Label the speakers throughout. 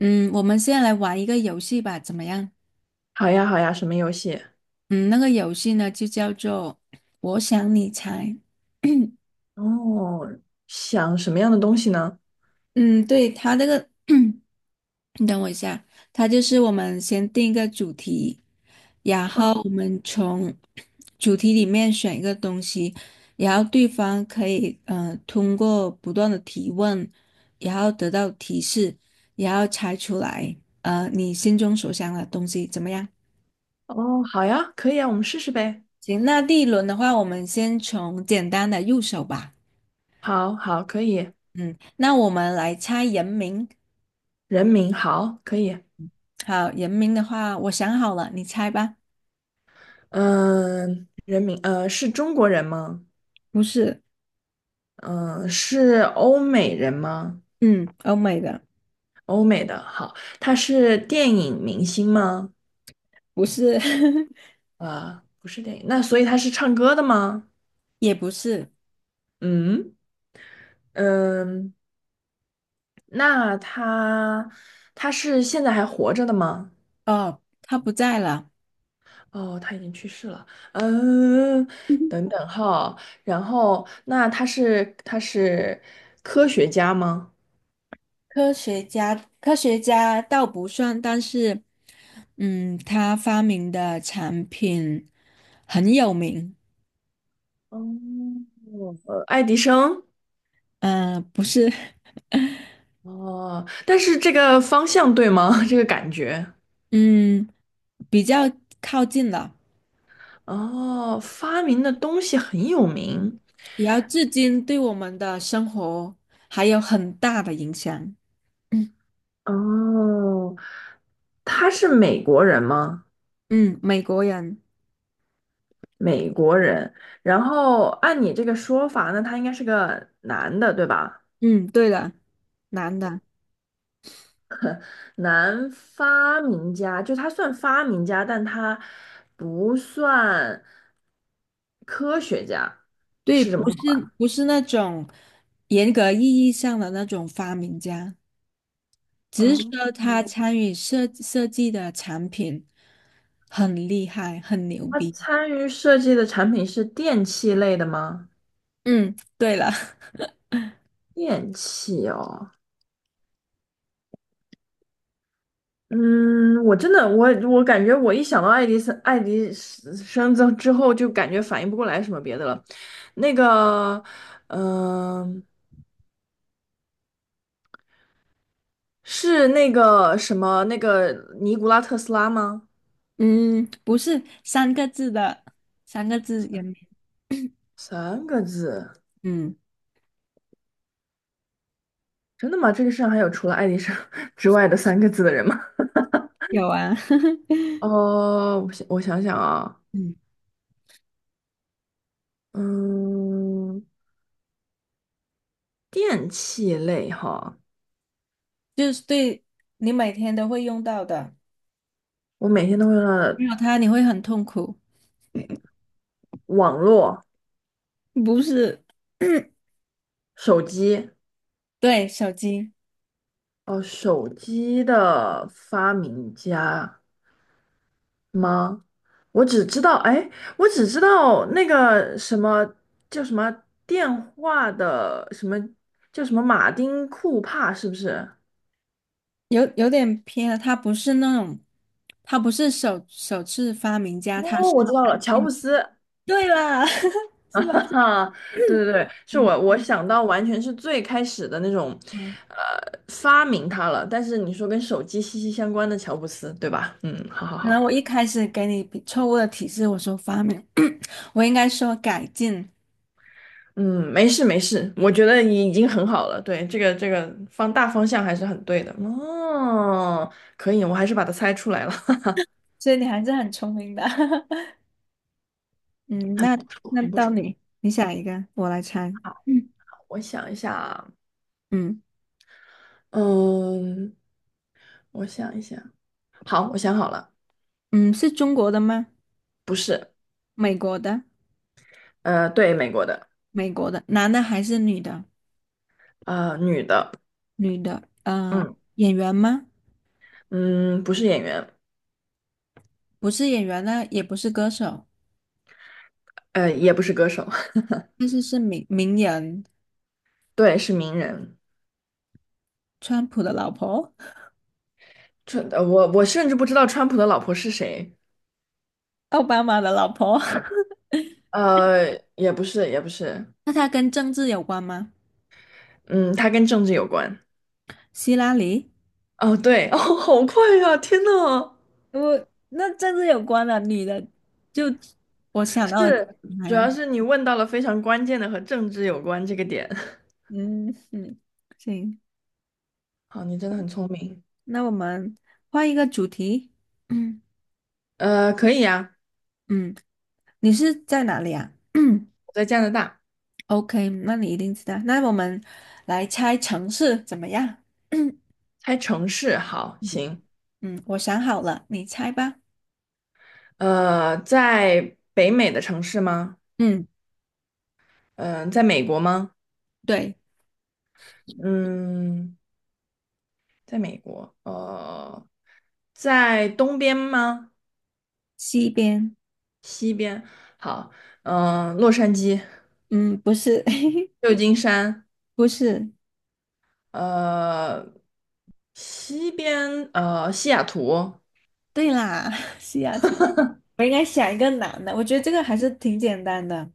Speaker 1: 嗯，我们现在来玩一个游戏吧，怎么样？
Speaker 2: 好呀，好呀，什么游戏？
Speaker 1: 嗯，那个游戏呢就叫做“我想你猜”。
Speaker 2: 哦，想什么样的东西呢？
Speaker 1: 嗯，对，它这个，你等我一下，它就是我们先定一个主题，然
Speaker 2: 嗯，
Speaker 1: 后我们从主题里面选一个东西，然后对方可以通过不断的提问，然后得到提示，然后猜出来你心中所想的东西，怎么样？
Speaker 2: 哦，好呀，可以啊，我们试试呗。
Speaker 1: 行，那第一轮的话，我们先从简单的入手吧。
Speaker 2: 好，好，可以。
Speaker 1: 嗯，那我们来猜人名。
Speaker 2: 人名，好，可以。
Speaker 1: 好，人名的话，我想好了，你猜吧。
Speaker 2: 嗯、人名，是中国人吗？
Speaker 1: 不是。
Speaker 2: 嗯、是欧美人吗？
Speaker 1: 嗯，欧美的。
Speaker 2: 欧美的，好。他是电影明星吗？
Speaker 1: 不是，
Speaker 2: 不是电影。那所以他是唱歌的吗？
Speaker 1: 也不是。
Speaker 2: 嗯，嗯、那他现在还活着的吗？
Speaker 1: 哦，他不在了。
Speaker 2: 哦，他已经去世了。嗯，等等哈，然后那他是科学家吗？
Speaker 1: 科学家，科学家倒不算，但是，嗯，他发明的产品很有名。
Speaker 2: 哦，呃，爱迪生。
Speaker 1: 嗯、不是，
Speaker 2: 哦，但是这个方向对吗？这个感觉。
Speaker 1: 嗯，比较靠近了。
Speaker 2: 哦，发明的东西很有名。
Speaker 1: 也要至今对我们的生活还有很大的影响。嗯。
Speaker 2: 哦，他是美国人吗？
Speaker 1: 嗯，美国人。
Speaker 2: 美国人。然后按你这个说法，那他应该是个男的，对吧？
Speaker 1: 嗯，对的，男的。
Speaker 2: 男发明家，就他算发明家，但他不算科学家，
Speaker 1: 对，
Speaker 2: 是这么
Speaker 1: 不
Speaker 2: 说
Speaker 1: 是不是那种严格意义上的那种发明家，只是
Speaker 2: 哦。
Speaker 1: 说他
Speaker 2: 嗯，
Speaker 1: 参与设计的产品很厉害，很牛
Speaker 2: 他
Speaker 1: 逼。
Speaker 2: 参与设计的产品是电器类的吗？
Speaker 1: 嗯，对了，
Speaker 2: 电器哦。嗯，我真的，我感觉我一想到爱迪生，爱迪生之后，就感觉反应不过来什么别的了。那个，嗯、是那个什么，那个尼古拉特斯拉吗？
Speaker 1: 嗯，不是三个字的，三个字人名。
Speaker 2: 三个字。
Speaker 1: 嗯，
Speaker 2: 真的吗？这个世上还有除了爱迪生 之外的三个字的人吗？
Speaker 1: 有啊，
Speaker 2: 哦，我想我想想啊。
Speaker 1: 嗯。
Speaker 2: 嗯，电器类哈，
Speaker 1: 就是对你每天都会用到的，
Speaker 2: 我每天都会用到的
Speaker 1: 没有它你会很痛苦。
Speaker 2: 网络、
Speaker 1: 不是。
Speaker 2: 手机。
Speaker 1: 对，手机。
Speaker 2: 哦，手机的发明家吗？我只知道，哎，我只知道那个什么叫什么电话的什么叫什么马丁库帕，是不是？
Speaker 1: 有点偏了，它不是那种，它不是首次发明家，它
Speaker 2: 哦，
Speaker 1: 是
Speaker 2: 我知道了，乔布斯。
Speaker 1: 对啦，是吧？
Speaker 2: 啊，对对对，是
Speaker 1: 嗯
Speaker 2: 我想到完全是最开始的那种。
Speaker 1: 嗯，
Speaker 2: 呃，发明它了。但是你说跟手机息息相关的乔布斯，对吧？嗯，好好
Speaker 1: 可
Speaker 2: 好。
Speaker 1: 能我一开始给你比错误的提示，我说发明，我应该说改进。
Speaker 2: 嗯，没事没事，我觉得你已经很好了。对，这个这个大方向还是很对的。哦，可以，我还是把它猜出来了。
Speaker 1: 所以你还是很聪明的。嗯，
Speaker 2: 很
Speaker 1: 那
Speaker 2: 不错，
Speaker 1: 那
Speaker 2: 很不
Speaker 1: 到
Speaker 2: 错。
Speaker 1: 你，你想一个，我来猜。
Speaker 2: 好，
Speaker 1: 嗯。
Speaker 2: 我想一下啊。
Speaker 1: 嗯。
Speaker 2: 嗯，我想一下，好，我想好了。
Speaker 1: 嗯，是中国的吗？
Speaker 2: 不是。
Speaker 1: 美国的。
Speaker 2: 呃，对，美国的。
Speaker 1: 美国的，男的还是女的？
Speaker 2: 呃，女的。
Speaker 1: 女的，呃，
Speaker 2: 嗯
Speaker 1: 演员吗？
Speaker 2: 嗯，不是演员。
Speaker 1: 不是演员呢，也不是歌手，
Speaker 2: 呃，也不是歌手。
Speaker 1: 但是是名人，
Speaker 2: 对，是名人。
Speaker 1: 川普的老婆。
Speaker 2: 川，呃，我我甚至不知道川普的老婆是谁。
Speaker 1: 奥巴马的老婆。
Speaker 2: 呃，也不是，也不是。
Speaker 1: 那她跟政治有关吗？
Speaker 2: 嗯，他跟政治有关。
Speaker 1: 希拉里？
Speaker 2: 哦，对，哦，好快呀！天呐，
Speaker 1: 我那政治有关的女的，就我想到了。
Speaker 2: 是，
Speaker 1: 哎
Speaker 2: 主要
Speaker 1: 呀，
Speaker 2: 是你问到了非常关键的和政治有关这个点。
Speaker 1: 嗯嗯，行，
Speaker 2: 好，你真的很聪明。
Speaker 1: 那我们换一个主题。嗯。
Speaker 2: 呃，可以呀。
Speaker 1: 嗯，你是在哪里啊？
Speaker 2: 我在加拿大。
Speaker 1: OK，那你一定知道。那我们来猜城市怎么样？嗯。
Speaker 2: 猜城市，好，行。
Speaker 1: 嗯，我想好了，你猜吧。
Speaker 2: 呃，在北美的城市吗？
Speaker 1: 嗯，
Speaker 2: 嗯、在美国吗？
Speaker 1: 对，
Speaker 2: 嗯，在美国。呃，在东边吗？
Speaker 1: 西边。
Speaker 2: 西边？好。洛杉矶、
Speaker 1: 嗯，不是，
Speaker 2: 旧金山。
Speaker 1: 不是。
Speaker 2: 呃，西边，呃，西雅图。
Speaker 1: 对啦，西雅图。我应该想一个难的，我觉得这个还是挺简单的。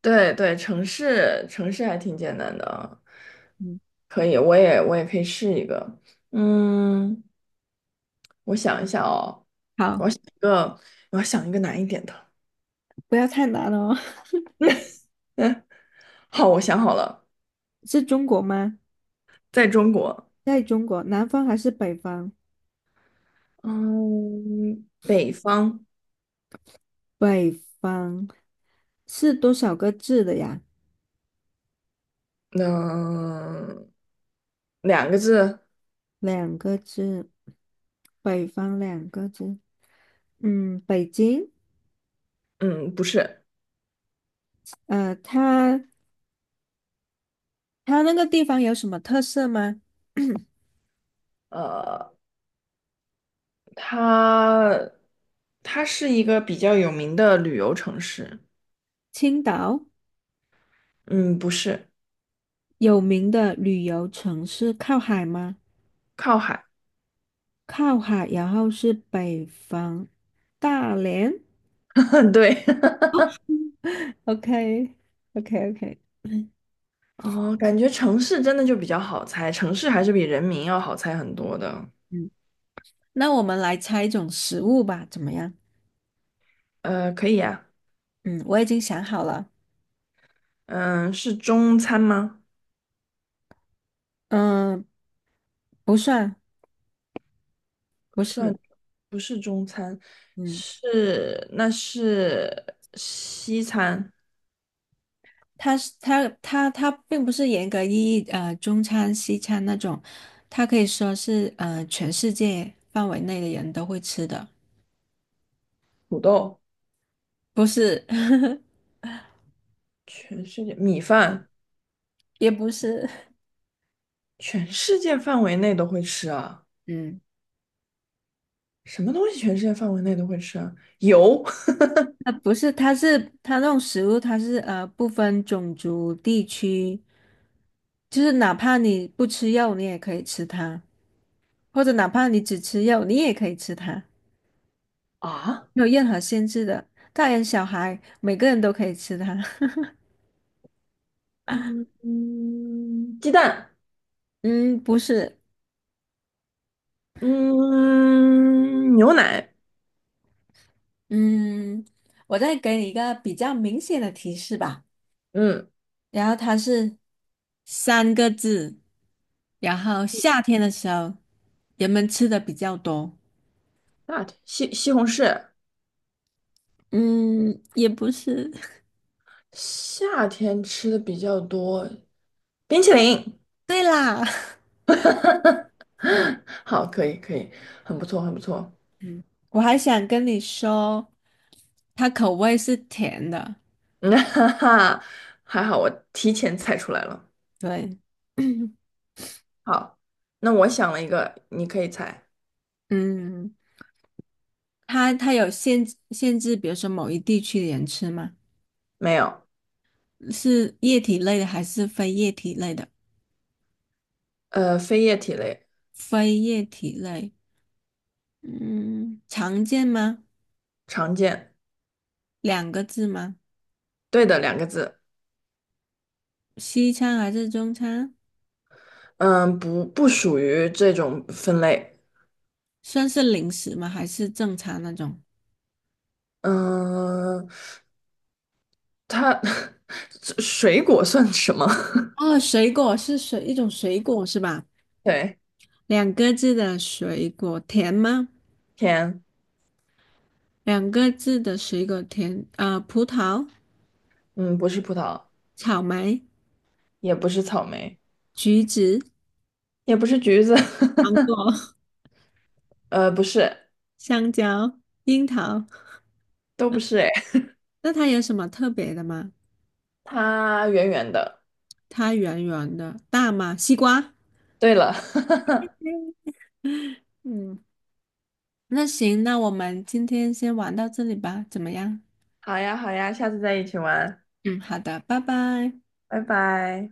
Speaker 2: 对对，城市城市还挺简单的。
Speaker 1: 嗯，
Speaker 2: 可以，我也可以试一个。嗯，我想一下哦，
Speaker 1: 好，
Speaker 2: 一个我要想一个难一点的。
Speaker 1: 不要太难哦。
Speaker 2: 嗯，好，我想好了。
Speaker 1: 是中国吗？
Speaker 2: 在中国。
Speaker 1: 在中国，南方还是北方？
Speaker 2: 嗯，北方。
Speaker 1: 北方是多少个字的呀？
Speaker 2: 嗯，两个字。
Speaker 1: 两个字，北方两个字，嗯，北京。
Speaker 2: 嗯，不是。
Speaker 1: 呃，它它那个地方有什么特色吗？
Speaker 2: 呃，它它是一个比较有名的旅游城市。
Speaker 1: 青岛。
Speaker 2: 嗯，不是。
Speaker 1: 有名的旅游城市靠海吗？
Speaker 2: 靠海。
Speaker 1: 靠海，然后是北方，大连
Speaker 2: 对。
Speaker 1: ，OK OK OK。
Speaker 2: 哦，感觉城市真的就比较好猜，城市还是比人民要好猜很多的。
Speaker 1: 嗯，那我们来猜一种食物吧，怎么样？
Speaker 2: 呃，可以啊。
Speaker 1: 嗯，我已经想好了。
Speaker 2: 嗯，是中餐吗？
Speaker 1: 嗯、不算。
Speaker 2: 不
Speaker 1: 不是。
Speaker 2: 算。不是中餐。
Speaker 1: 嗯。
Speaker 2: 是，那是西餐。
Speaker 1: 它是它并不是严格意义中餐西餐那种，它可以说是全世界范围内的人都会吃的。
Speaker 2: 土豆。
Speaker 1: 不是，
Speaker 2: 全世界米饭。
Speaker 1: 也不是。
Speaker 2: 全世界范围内都会吃啊？
Speaker 1: 嗯，
Speaker 2: 什么东西全世界范围内都会吃啊？油。
Speaker 1: 它不是，它是它那种食物，它是不分种族地区，就是哪怕你不吃肉，你也可以吃它，或者哪怕你只吃肉，你也可以吃它，
Speaker 2: 啊？
Speaker 1: 没有任何限制的，大人小孩每个人都可以吃它。
Speaker 2: 嗯嗯，鸡蛋。
Speaker 1: 嗯，不是。
Speaker 2: 嗯，牛奶。
Speaker 1: 嗯，我再给你一个比较明显的提示吧。
Speaker 2: 嗯，
Speaker 1: 然后它是三个字，然后夏天的时候人们吃的比较多。
Speaker 2: 夏天西红柿。
Speaker 1: 嗯，也不是。
Speaker 2: 夏天吃的比较多，冰淇淋。
Speaker 1: 对啦，
Speaker 2: 好，可以可以，很不错很不错。
Speaker 1: 我还想跟你说，它口味是甜的。
Speaker 2: 嗯，哈哈，还好我提前猜出来了。
Speaker 1: 对。
Speaker 2: 好，那我想了一个，你可以猜。
Speaker 1: 嗯，它它有限制，比如说某一地区的人吃吗？
Speaker 2: 没有。
Speaker 1: 是液体类的还是非液体类的？
Speaker 2: 呃，非液体类。
Speaker 1: 非液体类。嗯，常见吗？
Speaker 2: 常见。
Speaker 1: 两个字吗？
Speaker 2: 对的，两个字。
Speaker 1: 西餐还是中餐？
Speaker 2: 嗯，不不属于这种分类。
Speaker 1: 算是零食吗？还是正餐那种？
Speaker 2: 嗯，它 这水果算什么？
Speaker 1: 哦，水果是水，一种水果是吧？
Speaker 2: 对。
Speaker 1: 两个字的水果，甜吗？
Speaker 2: 甜。
Speaker 1: 两个字的水果甜，呃，葡萄、
Speaker 2: 嗯，不是葡萄。
Speaker 1: 草莓、
Speaker 2: 也不是草莓。
Speaker 1: 橘子、
Speaker 2: 也不是橘子。
Speaker 1: 芒果、
Speaker 2: 呃，不是。
Speaker 1: 香蕉、樱桃。
Speaker 2: 都不是。哎，
Speaker 1: 那它有什么特别的吗？
Speaker 2: 它圆圆的。
Speaker 1: 它圆圆的，大吗？西瓜。
Speaker 2: 对了。
Speaker 1: 嗯，那行，那我们今天先玩到这里吧，怎么样？
Speaker 2: 好呀，好呀，下次再一起玩。
Speaker 1: 嗯，好的，拜拜。
Speaker 2: 拜拜。